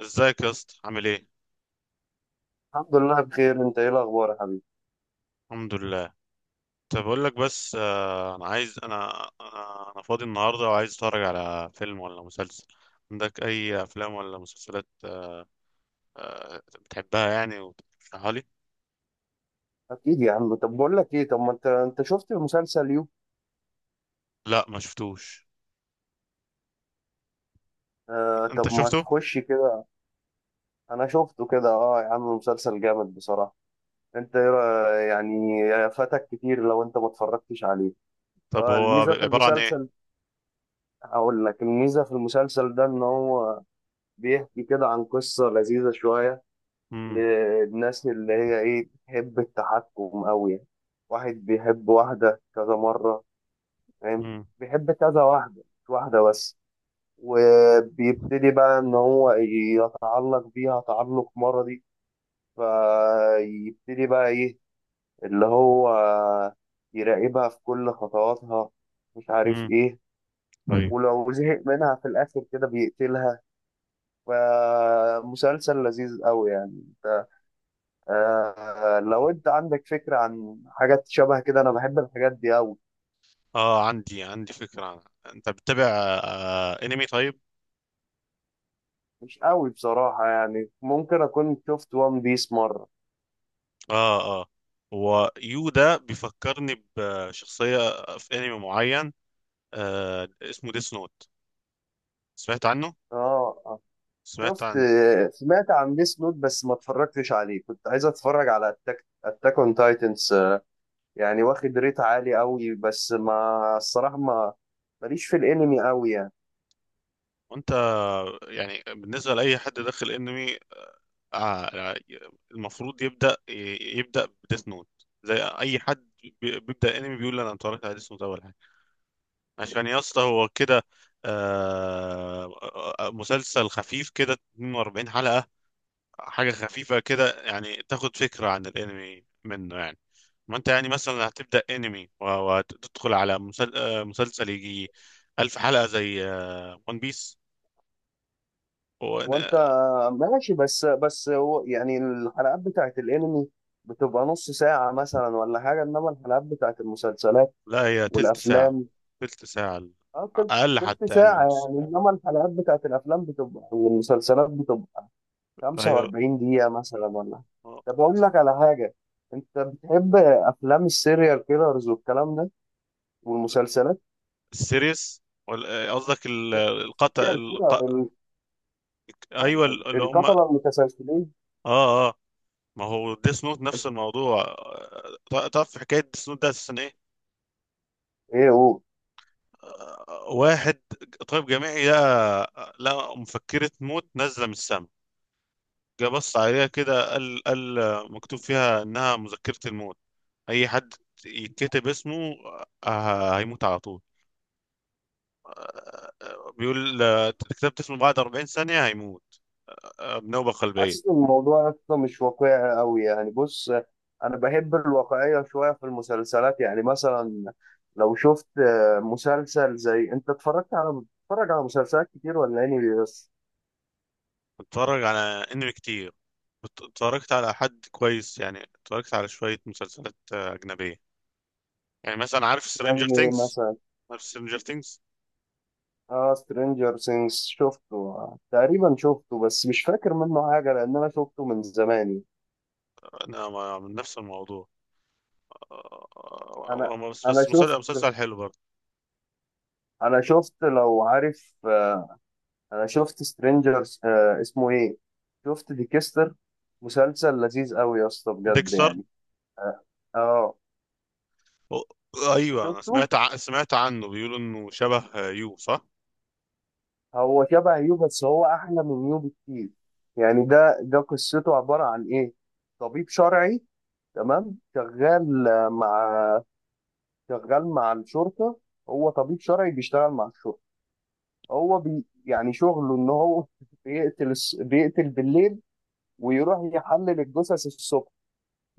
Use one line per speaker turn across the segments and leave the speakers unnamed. ازيك يا اسطى عامل ايه؟
الحمد لله بخير، انت ايه الاخبار يا حبيبي؟
الحمد لله. طب اقول لك، بس انا عايز انا فاضي النهارده، وعايز اتفرج على فيلم ولا مسلسل. عندك اي افلام ولا مسلسلات بتحبها يعني وترشحها لي؟
اكيد يا عم. طب بقول لك ايه، طب ما انت شفت مسلسل يو؟
لا، ما شفتوش.
آه،
انت
طب ما
شفته؟
تخش كده. انا شفته كده، اه يا عم، مسلسل جامد بصراحه. انت ايه يعني فاتك كتير لو انت ما اتفرجتش عليه.
طب
آه
هو
الميزه
بيبقى
في
عباره عن ايه؟
المسلسل هقول لك الميزه في المسلسل ده ان هو بيحكي كده عن قصه لذيذه شويه
امم.
للناس اللي هي ايه بتحب التحكم قوي يعني. واحد بيحب واحده كذا مره، فاهم؟
امم.
بيحب كذا واحده مش واحده بس، وبيبتدي بقى ان هو يتعلق بيها تعلق مرضي، فيبتدي بقى ايه اللي هو يراقبها في كل خطواتها، مش عارف
امم.
ايه،
طيب.
ولو زهق منها في الاخر كده بيقتلها. فمسلسل لذيذ قوي يعني. انت آه لو انت عندك فكرة عن حاجات شبه كده، انا بحب الحاجات دي قوي.
اه، عندي فكره عنها. انت بتتابع انمي؟ طيب.
مش قوي بصراحة يعني، ممكن اكون شفت وان بيس مرة.
اه، اه. هو يو ده بيفكرني بشخصيه في انمي معين، اسمه ديس نوت. سمعت عنه؟
اه، آه.
سمعت
شفت،
عن...
سمعت عن ديس نوت بس ما اتفرجتش عليه، كنت عايز اتفرج على اتاك اون تايتنز، يعني واخد ريت عالي قوي، بس ما الصراحه ما ماليش في الانمي قوي يعني.
وانت يعني بالنسبة لأي حد داخل انمي، آه المفروض يبدأ يبدأ بديس نوت. زي اي حد بيبدأ انمي بيقول انا اتفرجت على ديس نوت اول حاجة. عشان يا اسطى هو كده. آه مسلسل خفيف كده، 42 حلقة. حاجة خفيفة كده، يعني تاخد فكرة عن الانمي منه يعني. ما انت يعني مثلا هتبدأ انمي وتدخل على مسلسل يجي ألف حلقة زي ون بيس.
وانت ماشي، بس هو يعني الحلقات بتاعت الانمي بتبقى نص ساعة مثلا ولا حاجة، انما الحلقات بتاعت المسلسلات
لا، هي تلت ساعة.
والافلام،
تلت ساعة.
اه تلت
أقل
تلت
حتى يعني،
ساعة
ونص.
يعني، انما الحلقات بتاعت الافلام بتبقى والمسلسلات بتبقى
أيوة.
45 دقيقة مثلا ولا.
آه.
طب أقول لك على حاجة، أنت بتحب أفلام السيريال كيلرز والكلام ده والمسلسلات؟
السيريس قصدك القطع
السيريال كيلر، آه،
أيوة اللي هم،
القتلة المتسلسلين.
آه. ما هو ديس نوت نفس الموضوع. تعرف في حكاية ديس نوت ده أساسا إيه؟
إيه هو؟
واحد طبيب جامعي لقى مفكرة موت نازلة من السما. جه بص عليها كده، قال مكتوب فيها انها مذكرة الموت. اي حد يتكتب اسمه، هيموت على طول. بيقول كتبت اسمه بعد 40 ثانية هيموت، بنوبة قلبية.
حاسس إن الموضوع أصلا مش واقعي أوي يعني. بص، أنا بحب الواقعية شوية في المسلسلات يعني، مثلا لو شفت مسلسل زي، أنت اتفرجت على بتتفرج على مسلسلات كتير ولا يعني؟ بس
بتفرج على انمي كتير. اتفرجت على حد كويس يعني. اتفرجت على شوية مسلسلات أجنبية، يعني مثلا عارف سترينجر
زي
ثينجز؟
مثلا
عارف سترينجر ثينجز؟
اه سترينجر سينجز شفته، آه، تقريبا شفته بس مش فاكر منه حاجة لأن أنا شفته من زمان.
أنا من نفس الموضوع، آه،
أنا
بس
أنا
بس مسلسل
شفت
مسلسل حلو برضه.
أنا شفت لو عارف، أنا شفت سترينجر، اسمه إيه، شفت ديكستر، مسلسل لذيذ أوي يا اسطى بجد
ديكستر.
يعني. آه آه،
أو- ايوه، انا
شفته.
سمعت عنه، بيقولوا انه شبه يو، صح؟
هو شبه يو بس هو أحلى من يو بكتير. يعني ده قصته عبارة عن إيه؟ طبيب شرعي، تمام، شغال مع الشرطة. هو طبيب شرعي بيشتغل مع الشرطة. هو بي يعني شغله إن هو بيقتل بالليل ويروح يحلل الجثث الصبح.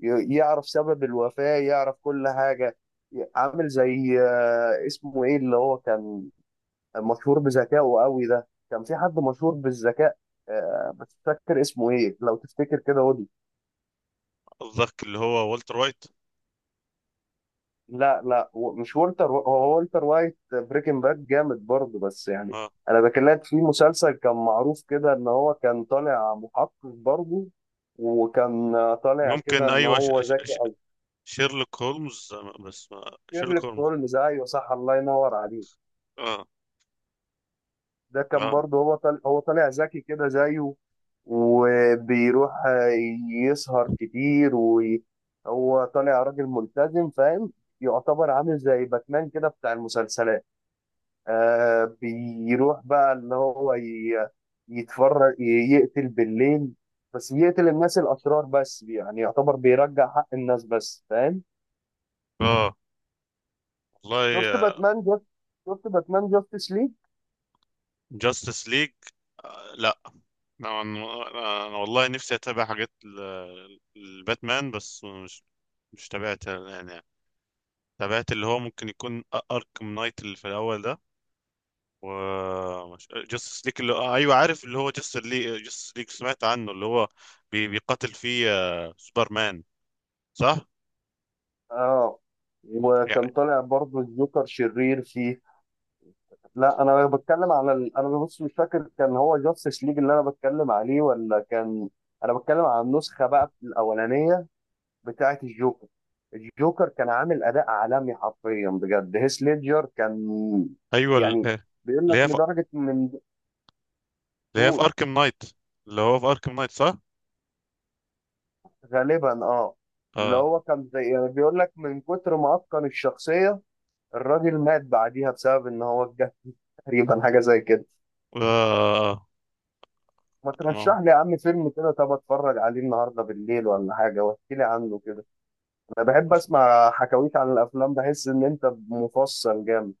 يعرف سبب الوفاة، يعرف كل حاجة. عامل زي اسمه إيه اللي هو كان مشهور بذكائه قوي؟ ده كان في حد مشهور بالذكاء، بس مش فاكر اسمه إيه، لو تفتكر كده.
قصدك اللي هو والتر وايت؟
لا لا، مش والتر، هو والتر وايت بريكنج باد جامد برضه بس يعني.
اه.
انا بكلمك في مسلسل كان معروف كده ان هو كان طالع محقق برضه، وكان طالع كده
ممكن.
ان
ايوه،
هو ذكي او.
شيرلوك هولمز، آه، بس ما... شيرلوك
شيرلوك
هولمز.
هولمز ايوه صح، الله ينور عليك.
اه،
ده كان
اه،
برضه هو طالع ذكي كده زيه، وبيروح يسهر كتير وهو طالع راجل ملتزم، فاهم؟ يعتبر عامل زي باتمان كده بتاع المسلسلات. آه، بيروح بقى اللي هو يتفرج، يقتل بالليل، بس بيقتل الناس الأشرار بس يعني، يعتبر بيرجع حق الناس بس، فاهم؟
اه.
شفت
والله.
باتمان جاست شفت باتمان جاستس ليج.
جاستس ليج. لا، انا انا أنا والله نفسي اتابع حاجات الباتمان، بس مش... مش تابعت يعني. تابعت اللي هو ممكن يكون اركم نايت، اللي في الاول ده. و... مش جاستس ليك، اللي آه، ايوه عارف، اللي هو جاستس ليك. جاستس ليك سمعت عنه، اللي هو بيقاتل فيه سوبرمان، صح؟
اه،
يعني
وكان طالع برضه الجوكر شرير فيه. لا، انا بتكلم على، انا بص مش فاكر كان هو جاستس ليج اللي انا بتكلم عليه ولا كان. انا بتكلم على النسخة بقى الأولانية بتاعه الجوكر. الجوكر كان عامل اداء عالمي حرفيا بجد، هيث ليدجر كان
ايوه
يعني بيقول
اللي
لك
هي في
لدرجه من
اللي هي في
دول
اركم نايت، اللي هو في اركم نايت، صح.
غالبا اه، اللي
اه.
هو كان زي يعني، بيقول لك من كتر ما اتقن الشخصيه الراجل مات بعديها بسبب ان هو اتجه تقريبا حاجه زي كده.
آه،
ما
آه،
ترشح لي يا عم فيلم كده، طب اتفرج عليه النهارده بالليل ولا حاجه، واحكي لي عنه كده. انا بحب اسمع حكاويك عن الافلام، بحس ان انت مفصل جامد.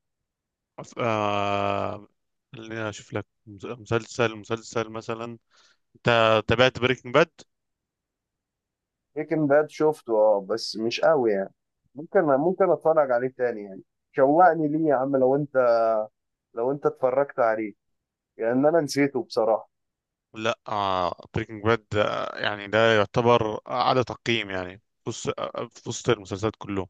آه، خليني اشوف لك مسلسل. مسلسل مثلا، انت تابعت بريكنج باد؟
بريكنج باد شفته اه بس مش قوي يعني، ممكن اتفرج عليه تاني يعني. شوقني ليه يا عم، لو انت اتفرجت عليه، لان انا نسيته بصراحه.
لا. بريكنج باد، يعني ده يعتبر اعلى تقييم يعني، في وسط في وسط المسلسلات كلهم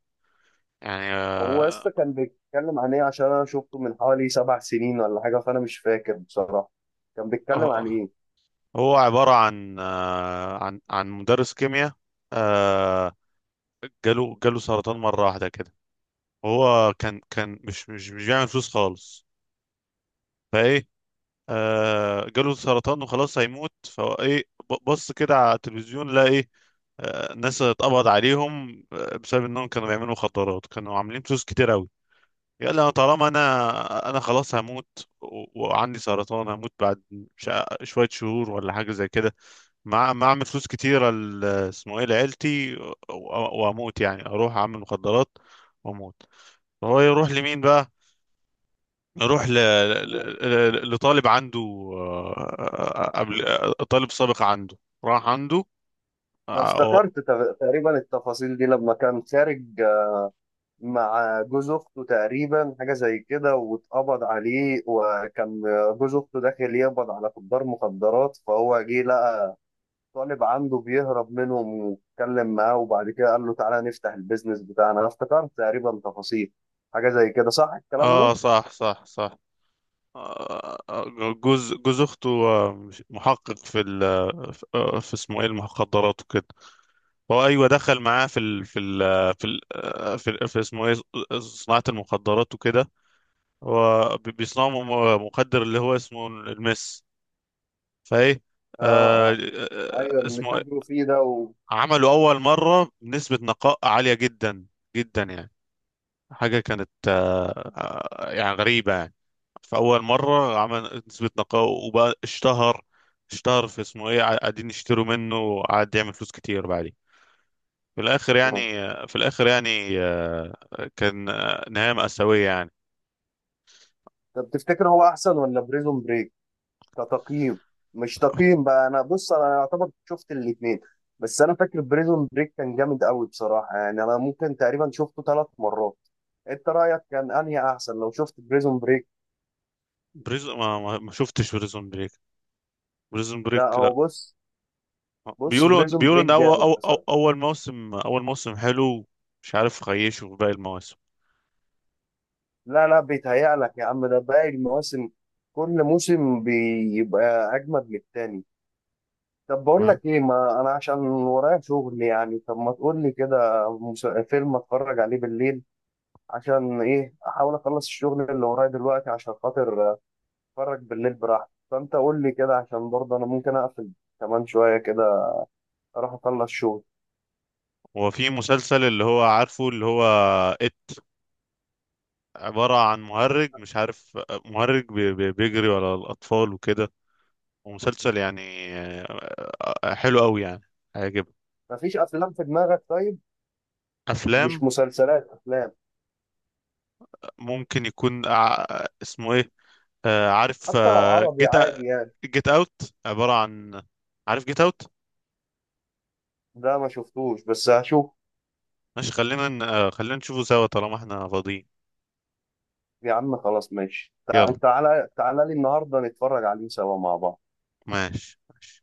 يعني.
هو لسه كان بيتكلم عن ايه؟ عشان انا شفته من حوالي 7 سنين ولا حاجه، فانا مش فاكر بصراحه كان بيتكلم
آه،
عن
آه.
ايه.
هو عبارة عن عن مدرس كيمياء. آه، جاله سرطان مرة واحدة كده. هو كان مش بيعمل فلوس خالص. فايه. جاله سرطان وخلاص هيموت. فهو ايه؟ بص كده على التلفزيون، لقى ايه؟ الناس اتقبض عليهم بسبب انهم كانوا بيعملوا مخدرات، كانوا عاملين فلوس كتير قوي. يلا أنا، طالما انا خلاص هموت وعندي سرطان، هموت بعد شوية شهور ولا حاجة زي كده. مع اعمل فلوس كتيره اسمه ايه، لعيلتي واموت. يعني اروح اعمل مخدرات واموت. هو يروح لمين بقى؟ يروح لطالب عنده، آه، قبل آه، طالب سابق عنده. راح عنده.
انا
اه.
افتكرت تقريبا التفاصيل دي لما كان خارج مع جوز اخته تقريبا، حاجه زي كده، واتقبض عليه، وكان جوز اخته داخل يقبض على تجار مخدرات، فهو جه لقى طالب عنده بيهرب منهم، واتكلم معاه وبعد كده قال له تعالى نفتح البيزنس بتاعنا. انا افتكرت تقريبا تفاصيل حاجه زي كده، صح الكلام ده؟
صح، صح، صح. آه، آه، جوز اخته محقق في ال... آه، في اسمه ايه، المخدرات وكده. هو ايوه دخل معاه في ال... في ال... في ال... آه، في, في اسمه ايه، صناعه المخدرات وكده. هو بيصنعوا مخدر اللي هو اسمه المس. فايه.
اه،
آه
اه، ايوه، اللي
اسمه إيه؟
تاجروا فيه ده
عملوا أول مرة بنسبة نقاء عالية جدا جدا يعني. حاجة كانت، يعني غريبة يعني. فأول مرة عمل نسبة نقاء وبقى اشتهر. اشتهر في اسمه ايه، قاعدين يشتروا منه، وقعد يعمل فلوس كتير. بعدين في الآخر
آه.
يعني، كان نهاية مأساوية يعني.
طب تفتكر هو احسن ولا بريزون بريك كتقييم؟ مش تقييم بقى، انا بص انا يعتبر شفت الاثنين، بس انا فاكر بريزون بريك كان جامد قوي بصراحه يعني، انا ممكن تقريبا شفته 3 مرات. انت رايك كان انهي احسن لو شفت بريزون بريك؟
ما شفتش بريزون بريك. بريزون
لا،
بريك
هو بص، بص
بيقولوا
بريزون
بيقولوا
بريك
ان اول أو
جامد
أو
بصراحه.
اول موسم، اول موسم حلو. مش عارف خيشه في باقي المواسم.
لا لا، بيتهيألك يا عم، ده باقي المواسم كل موسم بيبقى أجمد من التاني. طب بقول
تمام.
لك إيه، ما أنا عشان ورايا شغل يعني، طب ما تقول لي كده فيلم أتفرج عليه بالليل، عشان إيه، أحاول أخلص الشغل اللي ورايا دلوقتي عشان خاطر أتفرج بالليل براحتي. فأنت قول لي كده عشان برضه أنا ممكن أقفل كمان شوية كده، أروح أخلص شغل.
وفي مسلسل اللي هو عارفه، اللي هو إت. عبارة عن مهرج، مش عارف. مهرج بيجري على الأطفال وكده. ومسلسل يعني آه، حلو أوي يعني. عاجب.
مفيش أفلام في دماغك طيب؟
أفلام.
مش مسلسلات، أفلام.
ممكن يكون اسمه إيه، عارف.
حتى لو عربي
جيت.
عادي يعني.
جيت أوت. عبارة عن... عارف جيت أوت.
ده ما شفتوش بس هشوف.
ماشي، خلينا خلينا نشوفه سوا طالما احنا فاضيين.
يا عم خلاص ماشي،
يلا.
تعالى تعالى لي النهارده نتفرج عليه سوا مع بعض.
ماشي، ماشي.